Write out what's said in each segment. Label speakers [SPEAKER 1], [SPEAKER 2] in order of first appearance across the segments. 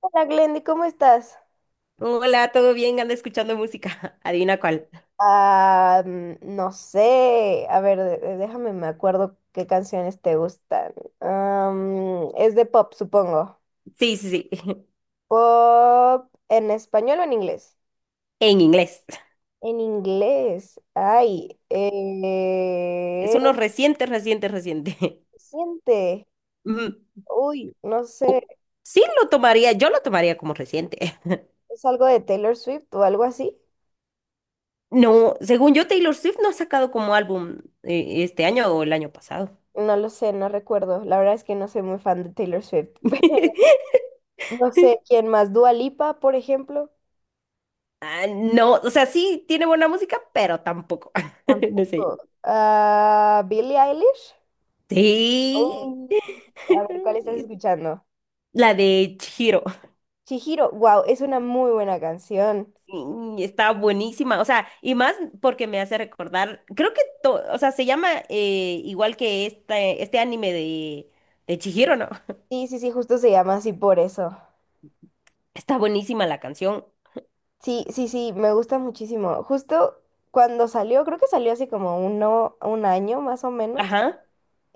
[SPEAKER 1] Hola Glendy, ¿cómo estás?
[SPEAKER 2] Hola, ¿todo bien? ¿Anda escuchando música? Adivina cuál.
[SPEAKER 1] Ah, no sé, a ver, déjame, me acuerdo qué canciones te gustan. Es de pop, supongo.
[SPEAKER 2] Sí, sí, sí.
[SPEAKER 1] ¿Pop en español o en inglés?
[SPEAKER 2] En inglés.
[SPEAKER 1] En inglés. Ay,
[SPEAKER 2] Es uno reciente, reciente, reciente.
[SPEAKER 1] siente.
[SPEAKER 2] Mm,
[SPEAKER 1] Uy, no sé,
[SPEAKER 2] oh, sí, lo tomaría, yo lo tomaría como reciente.
[SPEAKER 1] ¿es algo de Taylor Swift o algo así?
[SPEAKER 2] No, según yo, Taylor Swift no ha sacado como álbum este año o el año pasado.
[SPEAKER 1] No lo sé, no recuerdo. La verdad es que no soy muy fan de Taylor Swift. No sé quién más, Dua Lipa, por ejemplo.
[SPEAKER 2] Ah, no, o sea, sí tiene buena música, pero tampoco. No sé.
[SPEAKER 1] Tampoco. Ah, Billie Eilish.
[SPEAKER 2] Sí.
[SPEAKER 1] Uh, a ver, ¿cuál estás escuchando?
[SPEAKER 2] La de Chihiro.
[SPEAKER 1] Chihiro, wow, es una muy buena canción.
[SPEAKER 2] Y está buenísima, o sea, y más porque me hace recordar, creo que, o sea, se llama igual que este anime de Chihiro, ¿no?
[SPEAKER 1] Sí, sí, sí, justo se llama así por eso.
[SPEAKER 2] Está buenísima la canción.
[SPEAKER 1] Sí, sí, sí, me gusta muchísimo. Justo cuando salió, creo que salió hace como un año más o menos.
[SPEAKER 2] Ajá,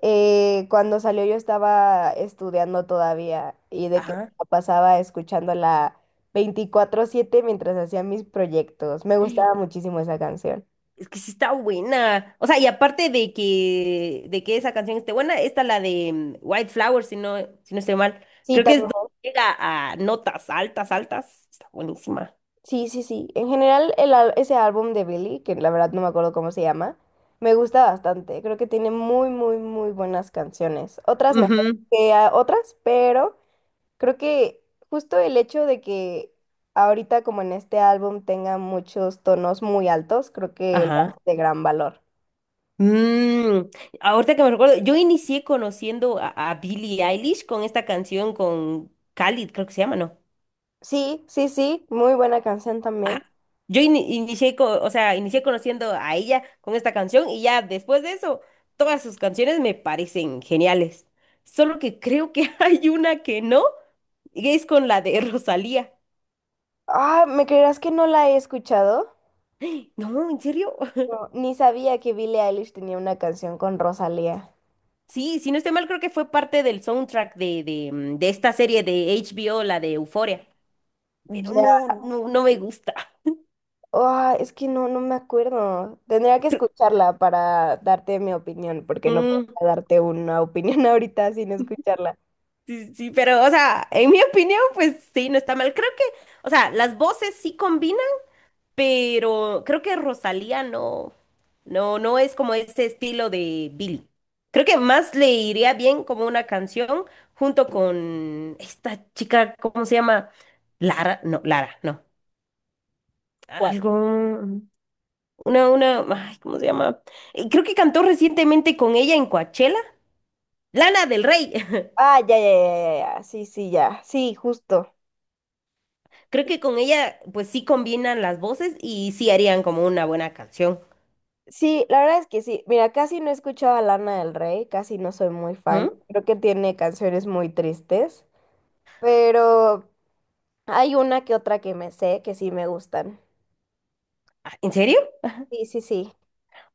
[SPEAKER 1] Cuando salió yo estaba estudiando todavía y de que
[SPEAKER 2] ajá.
[SPEAKER 1] la pasaba escuchándola 24/7 mientras hacía mis proyectos. Me gustaba muchísimo esa canción.
[SPEAKER 2] Es que sí está buena. O sea, y aparte de que esa canción esté buena, está la de White Flower, si no, si no estoy mal.
[SPEAKER 1] Sí,
[SPEAKER 2] Creo que es
[SPEAKER 1] también.
[SPEAKER 2] donde llega a notas altas, altas. Está buenísima.
[SPEAKER 1] Sí, sí, sí. En general, ese álbum de Billy, que la verdad no me acuerdo cómo se llama, me gusta bastante. Creo que tiene muy, muy, muy buenas canciones. Otras mejores
[SPEAKER 2] Ujú.
[SPEAKER 1] que otras, pero creo que justo el hecho de que ahorita, como en este álbum, tenga muchos tonos muy altos, creo que lo
[SPEAKER 2] Ajá.
[SPEAKER 1] hace de gran valor.
[SPEAKER 2] Mm, ahorita que me recuerdo, yo inicié conociendo a Billie Eilish con esta canción con Khalid, creo que se llama, ¿no?
[SPEAKER 1] Sí, sí, sí. Muy buena canción también.
[SPEAKER 2] Ajá. Yo inicié, o sea, inicié conociendo a ella con esta canción y ya después de eso, todas sus canciones me parecen geniales. Solo que creo que hay una que no, y es con la de Rosalía.
[SPEAKER 1] Ah, ¿me creerás que no la he escuchado?
[SPEAKER 2] No, ¿en serio?
[SPEAKER 1] No, ni sabía que Billie Eilish tenía una canción con Rosalía.
[SPEAKER 2] Sí, si no estoy mal, creo que fue parte del soundtrack de, de esta serie de HBO, la de Euphoria. Pero no, no, no me gusta.
[SPEAKER 1] Ah, es que no me acuerdo. Tendría que escucharla para darte mi opinión, porque no puedo
[SPEAKER 2] Mm.
[SPEAKER 1] darte una opinión ahorita sin escucharla.
[SPEAKER 2] Sí, sí, pero, o sea, en mi opinión, pues sí, no está mal. Creo que, o sea, las voces sí combinan, pero creo que Rosalía no, no, no es como ese estilo de Billy. Creo que más le iría bien como una canción junto con esta chica, ¿cómo se llama? Lara, no, Lara, no.
[SPEAKER 1] ¿Cuál?
[SPEAKER 2] Algo, una, ay, ¿cómo se llama? Creo que cantó recientemente con ella en Coachella, Lana del Rey.
[SPEAKER 1] Ah, ya, ya, ya, ya, ya. Sí, sí, ya. Sí, justo.
[SPEAKER 2] Creo que con ella, pues sí combinan las voces y sí harían como una buena canción.
[SPEAKER 1] Sí, la verdad es que sí. Mira, casi no he escuchado a Lana del Rey, casi no soy muy fan.
[SPEAKER 2] Ujú.
[SPEAKER 1] Creo que tiene canciones muy tristes, pero hay una que otra que me sé que sí me gustan.
[SPEAKER 2] Ah, ¿en serio?
[SPEAKER 1] Sí, sí, sí.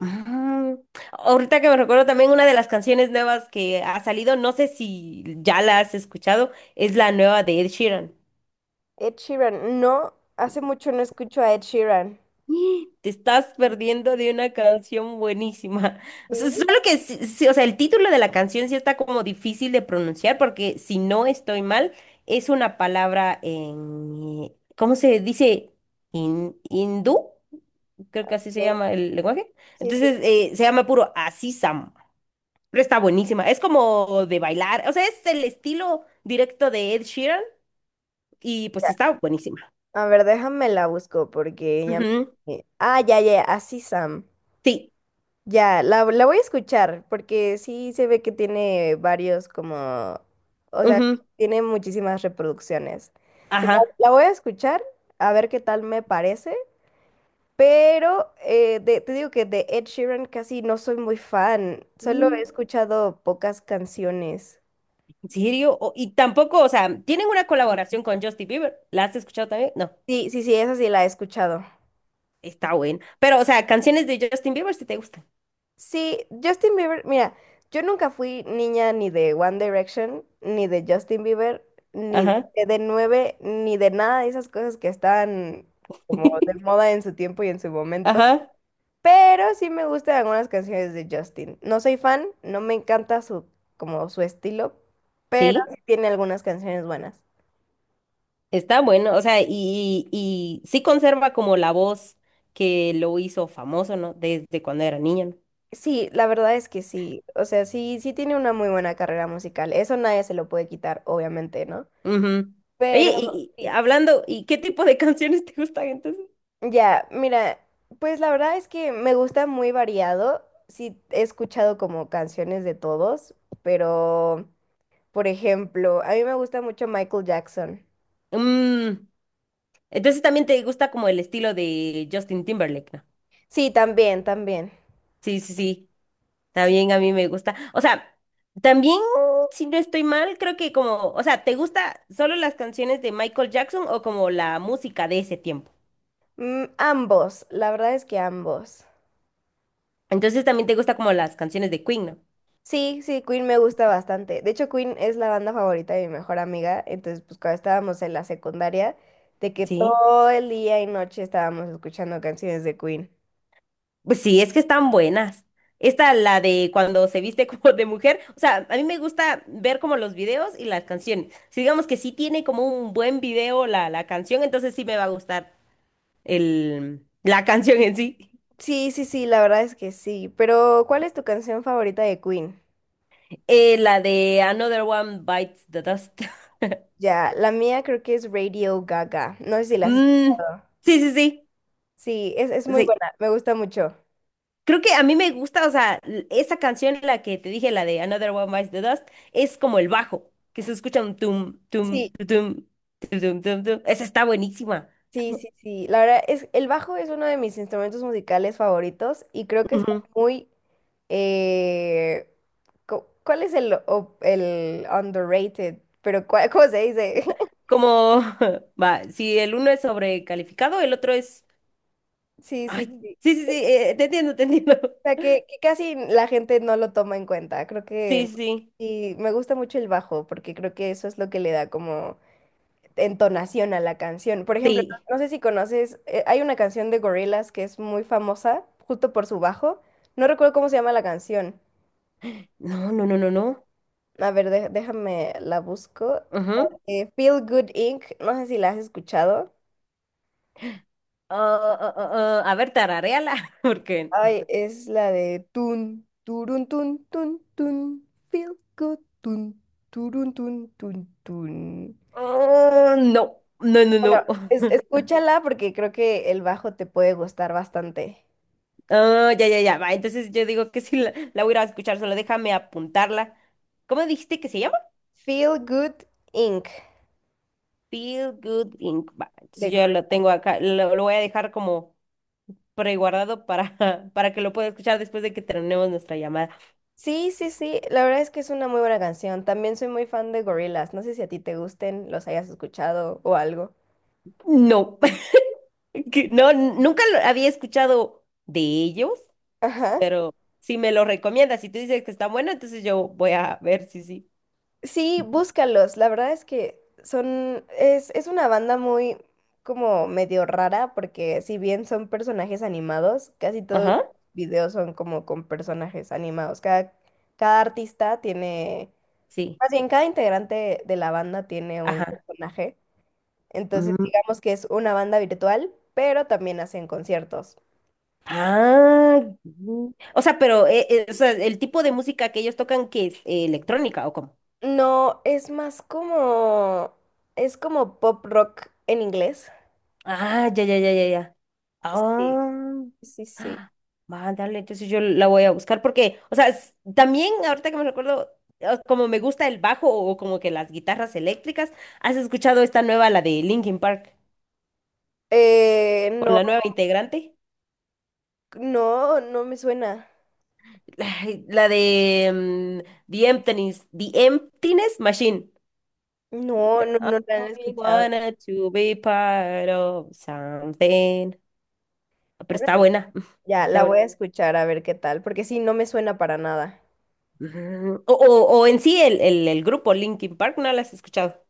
[SPEAKER 2] Mm. Ahorita que me recuerdo también una de las canciones nuevas que ha salido, no sé si ya la has escuchado, es la nueva de Ed Sheeran.
[SPEAKER 1] Ed Sheeran. No, hace mucho no escucho a Ed Sheeran.
[SPEAKER 2] Te estás perdiendo de una canción buenísima. O sea,
[SPEAKER 1] Sí,
[SPEAKER 2] solo que, sí, o sea, el título de la canción sí está como difícil de pronunciar porque si no estoy mal, es una palabra en, ¿cómo se dice? ¿In, hindú? Creo que así se
[SPEAKER 1] ok.
[SPEAKER 2] llama el lenguaje.
[SPEAKER 1] Sí, sí.
[SPEAKER 2] Entonces, se llama puro Así Sam. Pero está buenísima. Es como de bailar. O sea, es el estilo directo de Ed Sheeran y pues está buenísima.
[SPEAKER 1] A ver, déjame la busco porque ya
[SPEAKER 2] Ujú.
[SPEAKER 1] me. Ah, ya, ya, así Sam.
[SPEAKER 2] Sí.
[SPEAKER 1] Ya, la voy a escuchar porque sí se ve que tiene varios como. O sea,
[SPEAKER 2] Ujú,
[SPEAKER 1] tiene muchísimas reproducciones. Entonces,
[SPEAKER 2] ajá.
[SPEAKER 1] la voy a escuchar a ver qué tal me parece. Pero te digo que de Ed Sheeran casi no soy muy fan. Solo he
[SPEAKER 2] Mm.
[SPEAKER 1] escuchado pocas canciones.
[SPEAKER 2] ¿En serio? Y tampoco, o sea, tienen una colaboración con Justin Bieber. ¿La has escuchado también? No,
[SPEAKER 1] Sí, sí, sí, esa sí la he escuchado.
[SPEAKER 2] está buena. Pero, o sea, canciones de Justin Bieber si te gustan.
[SPEAKER 1] Sí, Justin Bieber, mira, yo nunca fui niña ni de One Direction, ni de Justin Bieber, ni de
[SPEAKER 2] Ajá.
[SPEAKER 1] de nueve, ni de nada de esas cosas que estaban como de moda en su tiempo y en su momento.
[SPEAKER 2] Ajá.
[SPEAKER 1] Pero sí me gustan algunas canciones de Justin. No soy fan, no me encanta como su estilo, pero
[SPEAKER 2] Sí.
[SPEAKER 1] sí tiene algunas canciones buenas.
[SPEAKER 2] Está bueno, o sea, y sí conserva como la voz que lo hizo famoso, ¿no? Desde cuando era niño,
[SPEAKER 1] Sí, la verdad es que sí. O sea, sí tiene una muy buena carrera musical. Eso nadie se lo puede quitar, obviamente, ¿no?
[SPEAKER 2] ¿no? Ujú.
[SPEAKER 1] Pero
[SPEAKER 2] Oye, y
[SPEAKER 1] sí.
[SPEAKER 2] hablando, ¿y qué tipo de canciones te gustan entonces?
[SPEAKER 1] Ya, mira, pues la verdad es que me gusta muy variado. Sí, he escuchado como canciones de todos, pero, por ejemplo, a mí me gusta mucho Michael Jackson.
[SPEAKER 2] Mm, entonces también te gusta como el estilo de Justin Timberlake, ¿no?
[SPEAKER 1] Sí, también, también.
[SPEAKER 2] Sí, sí, sí,
[SPEAKER 1] Sí.
[SPEAKER 2] también a mí me gusta. O sea, también, si no estoy mal, creo que como, o sea, ¿te gusta solo las canciones de Michael Jackson o como la música de ese tiempo?
[SPEAKER 1] Ambos, la verdad es que ambos.
[SPEAKER 2] Entonces también te gusta como las canciones de Queen, ¿no?
[SPEAKER 1] Sí, sí, Queen me gusta bastante. De hecho, Queen es la banda favorita de mi mejor amiga. Entonces, pues cuando estábamos en la secundaria, de que
[SPEAKER 2] Sí.
[SPEAKER 1] todo el día y noche estábamos escuchando canciones de Queen.
[SPEAKER 2] Pues sí, es que están buenas. Esta, la de cuando se viste como de mujer, o sea, a mí me gusta ver como los videos y las canciones. Si digamos que sí tiene como un buen video la, la canción, entonces sí me va a gustar el, la canción en sí.
[SPEAKER 1] Sí, sí, sí, la verdad es que sí. Pero, ¿cuál es tu canción favorita de Queen?
[SPEAKER 2] La de Another One Bites the Dust.
[SPEAKER 1] Ya, la mía creo que es Radio Gaga. No sé si la has
[SPEAKER 2] Mm,
[SPEAKER 1] escuchado.
[SPEAKER 2] sí, sí, sí,
[SPEAKER 1] Sí, es muy
[SPEAKER 2] sí.
[SPEAKER 1] buena, me gusta mucho.
[SPEAKER 2] Creo que a mí me gusta, o sea, esa canción, la que te dije, la de Another One Bites the Dust, es como el bajo, que se escucha un tum, tum,
[SPEAKER 1] Sí,
[SPEAKER 2] tu, tum, tu, tum, tum, tum. Esa está buenísima.
[SPEAKER 1] sí, sí, sí. La verdad es, el bajo es uno de mis instrumentos musicales favoritos y creo que está
[SPEAKER 2] Ujú.
[SPEAKER 1] muy. eh, ¿Cuál es el underrated? Pero, ¿cómo se dice?
[SPEAKER 2] Como, va, si el uno es sobrecalificado, el otro es...
[SPEAKER 1] Sí,
[SPEAKER 2] Ay,
[SPEAKER 1] sí, sí.
[SPEAKER 2] sí, sí, sí, te entiendo, te entiendo.
[SPEAKER 1] Sea, que casi la gente no lo toma en cuenta. Creo
[SPEAKER 2] Sí,
[SPEAKER 1] que
[SPEAKER 2] sí,
[SPEAKER 1] sí, me gusta mucho el bajo porque creo que eso es lo que le da como entonación a la canción. Por ejemplo,
[SPEAKER 2] sí.
[SPEAKER 1] no sé si conoces, hay una canción de Gorillaz que es muy famosa justo por su bajo. No recuerdo cómo se llama la canción.
[SPEAKER 2] No, no, no, no, no.
[SPEAKER 1] A ver, déjame la busco.
[SPEAKER 2] Ajá.
[SPEAKER 1] Feel Good Inc. No sé si la has escuchado.
[SPEAKER 2] Ah, ah, ah, ah, ah. A ver, tararéala, porque...
[SPEAKER 1] Ay,
[SPEAKER 2] no.
[SPEAKER 1] es la de tun, turun, tun, tun, tun, feel good, tun, turun, tun, tun, tun.
[SPEAKER 2] Oh, no, no, no,
[SPEAKER 1] Bueno,
[SPEAKER 2] no.
[SPEAKER 1] escúchala porque creo que el bajo te puede gustar bastante.
[SPEAKER 2] Ah, ya, ya, ya. Va, entonces yo digo que si la, la voy a ir a escuchar, solo déjame apuntarla. ¿Cómo dijiste que se llama?
[SPEAKER 1] Feel Good Inc.
[SPEAKER 2] Feel Good Inc. Va,
[SPEAKER 1] de
[SPEAKER 2] entonces yo lo
[SPEAKER 1] Gorillaz.
[SPEAKER 2] tengo acá, lo voy a dejar como preguardado para, para que lo pueda escuchar después de que terminemos nuestra llamada.
[SPEAKER 1] Sí, sí, sí, la verdad es que es una muy buena canción. También soy muy fan de Gorillaz. No sé si a ti te gusten, los hayas escuchado o algo.
[SPEAKER 2] No, que no, nunca lo había escuchado de ellos,
[SPEAKER 1] Ajá.
[SPEAKER 2] pero si me lo recomiendas, si tú dices que está bueno, entonces yo voy a ver si sí.
[SPEAKER 1] Sí, búscalos. La verdad es que es una banda muy como medio rara porque si bien son personajes animados, casi todos
[SPEAKER 2] Ajá,
[SPEAKER 1] los videos son como con personajes animados. Cada, cada artista tiene
[SPEAKER 2] sí,
[SPEAKER 1] Más bien, cada integrante de la banda tiene un
[SPEAKER 2] ajá.
[SPEAKER 1] personaje, entonces digamos que es una banda virtual, pero también hacen conciertos.
[SPEAKER 2] Ah, mm. O sea, pero o sea, el tipo de música que ellos tocan que es eh, electrónica o cómo.
[SPEAKER 1] No, es más es como pop rock en inglés.
[SPEAKER 2] Ah, ya, ya, ya, ya, ya.
[SPEAKER 1] Sí,
[SPEAKER 2] Ah,
[SPEAKER 1] sí, sí.
[SPEAKER 2] ah, mándale, entonces yo la voy a buscar porque, o sea, también ahorita que me recuerdo, como me gusta el bajo o como que las guitarras eléctricas, ¿has escuchado esta nueva, la de Linkin Park, con
[SPEAKER 1] No,
[SPEAKER 2] la nueva integrante?
[SPEAKER 1] no, no me suena.
[SPEAKER 2] Ay, la de The Emptiness, The Emptiness Machine.
[SPEAKER 1] No, no,
[SPEAKER 2] I
[SPEAKER 1] no la han
[SPEAKER 2] only
[SPEAKER 1] escuchado.
[SPEAKER 2] wanted to be part of something. Pero está
[SPEAKER 1] Órale.
[SPEAKER 2] buena.
[SPEAKER 1] Ya,
[SPEAKER 2] Está
[SPEAKER 1] la voy
[SPEAKER 2] buena.
[SPEAKER 1] a escuchar a ver qué tal, porque sí, no me suena para nada.
[SPEAKER 2] Ujú. O, o en sí, el grupo Linkin Park, ¿no la has escuchado?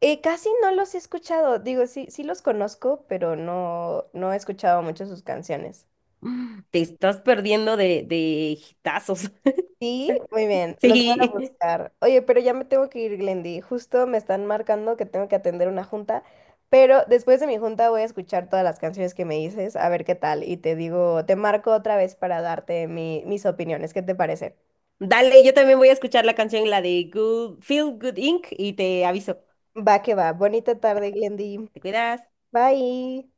[SPEAKER 1] Casi no los he escuchado, digo, sí los conozco, pero no he escuchado mucho sus canciones.
[SPEAKER 2] Te estás perdiendo de hitazos.
[SPEAKER 1] Sí, muy bien, los voy a
[SPEAKER 2] Sí.
[SPEAKER 1] buscar. Oye, pero ya me tengo que ir, Glendy. Justo me están marcando que tengo que atender una junta, pero después de mi junta voy a escuchar todas las canciones que me dices, a ver qué tal. Y te digo, te marco otra vez para darte mis opiniones. ¿Qué te parece?
[SPEAKER 2] Dale, yo también voy a escuchar la canción, la de Feel Good Inc. y te aviso.
[SPEAKER 1] Va que va. Bonita tarde, Glendy.
[SPEAKER 2] ¿Te cuidas?
[SPEAKER 1] Bye.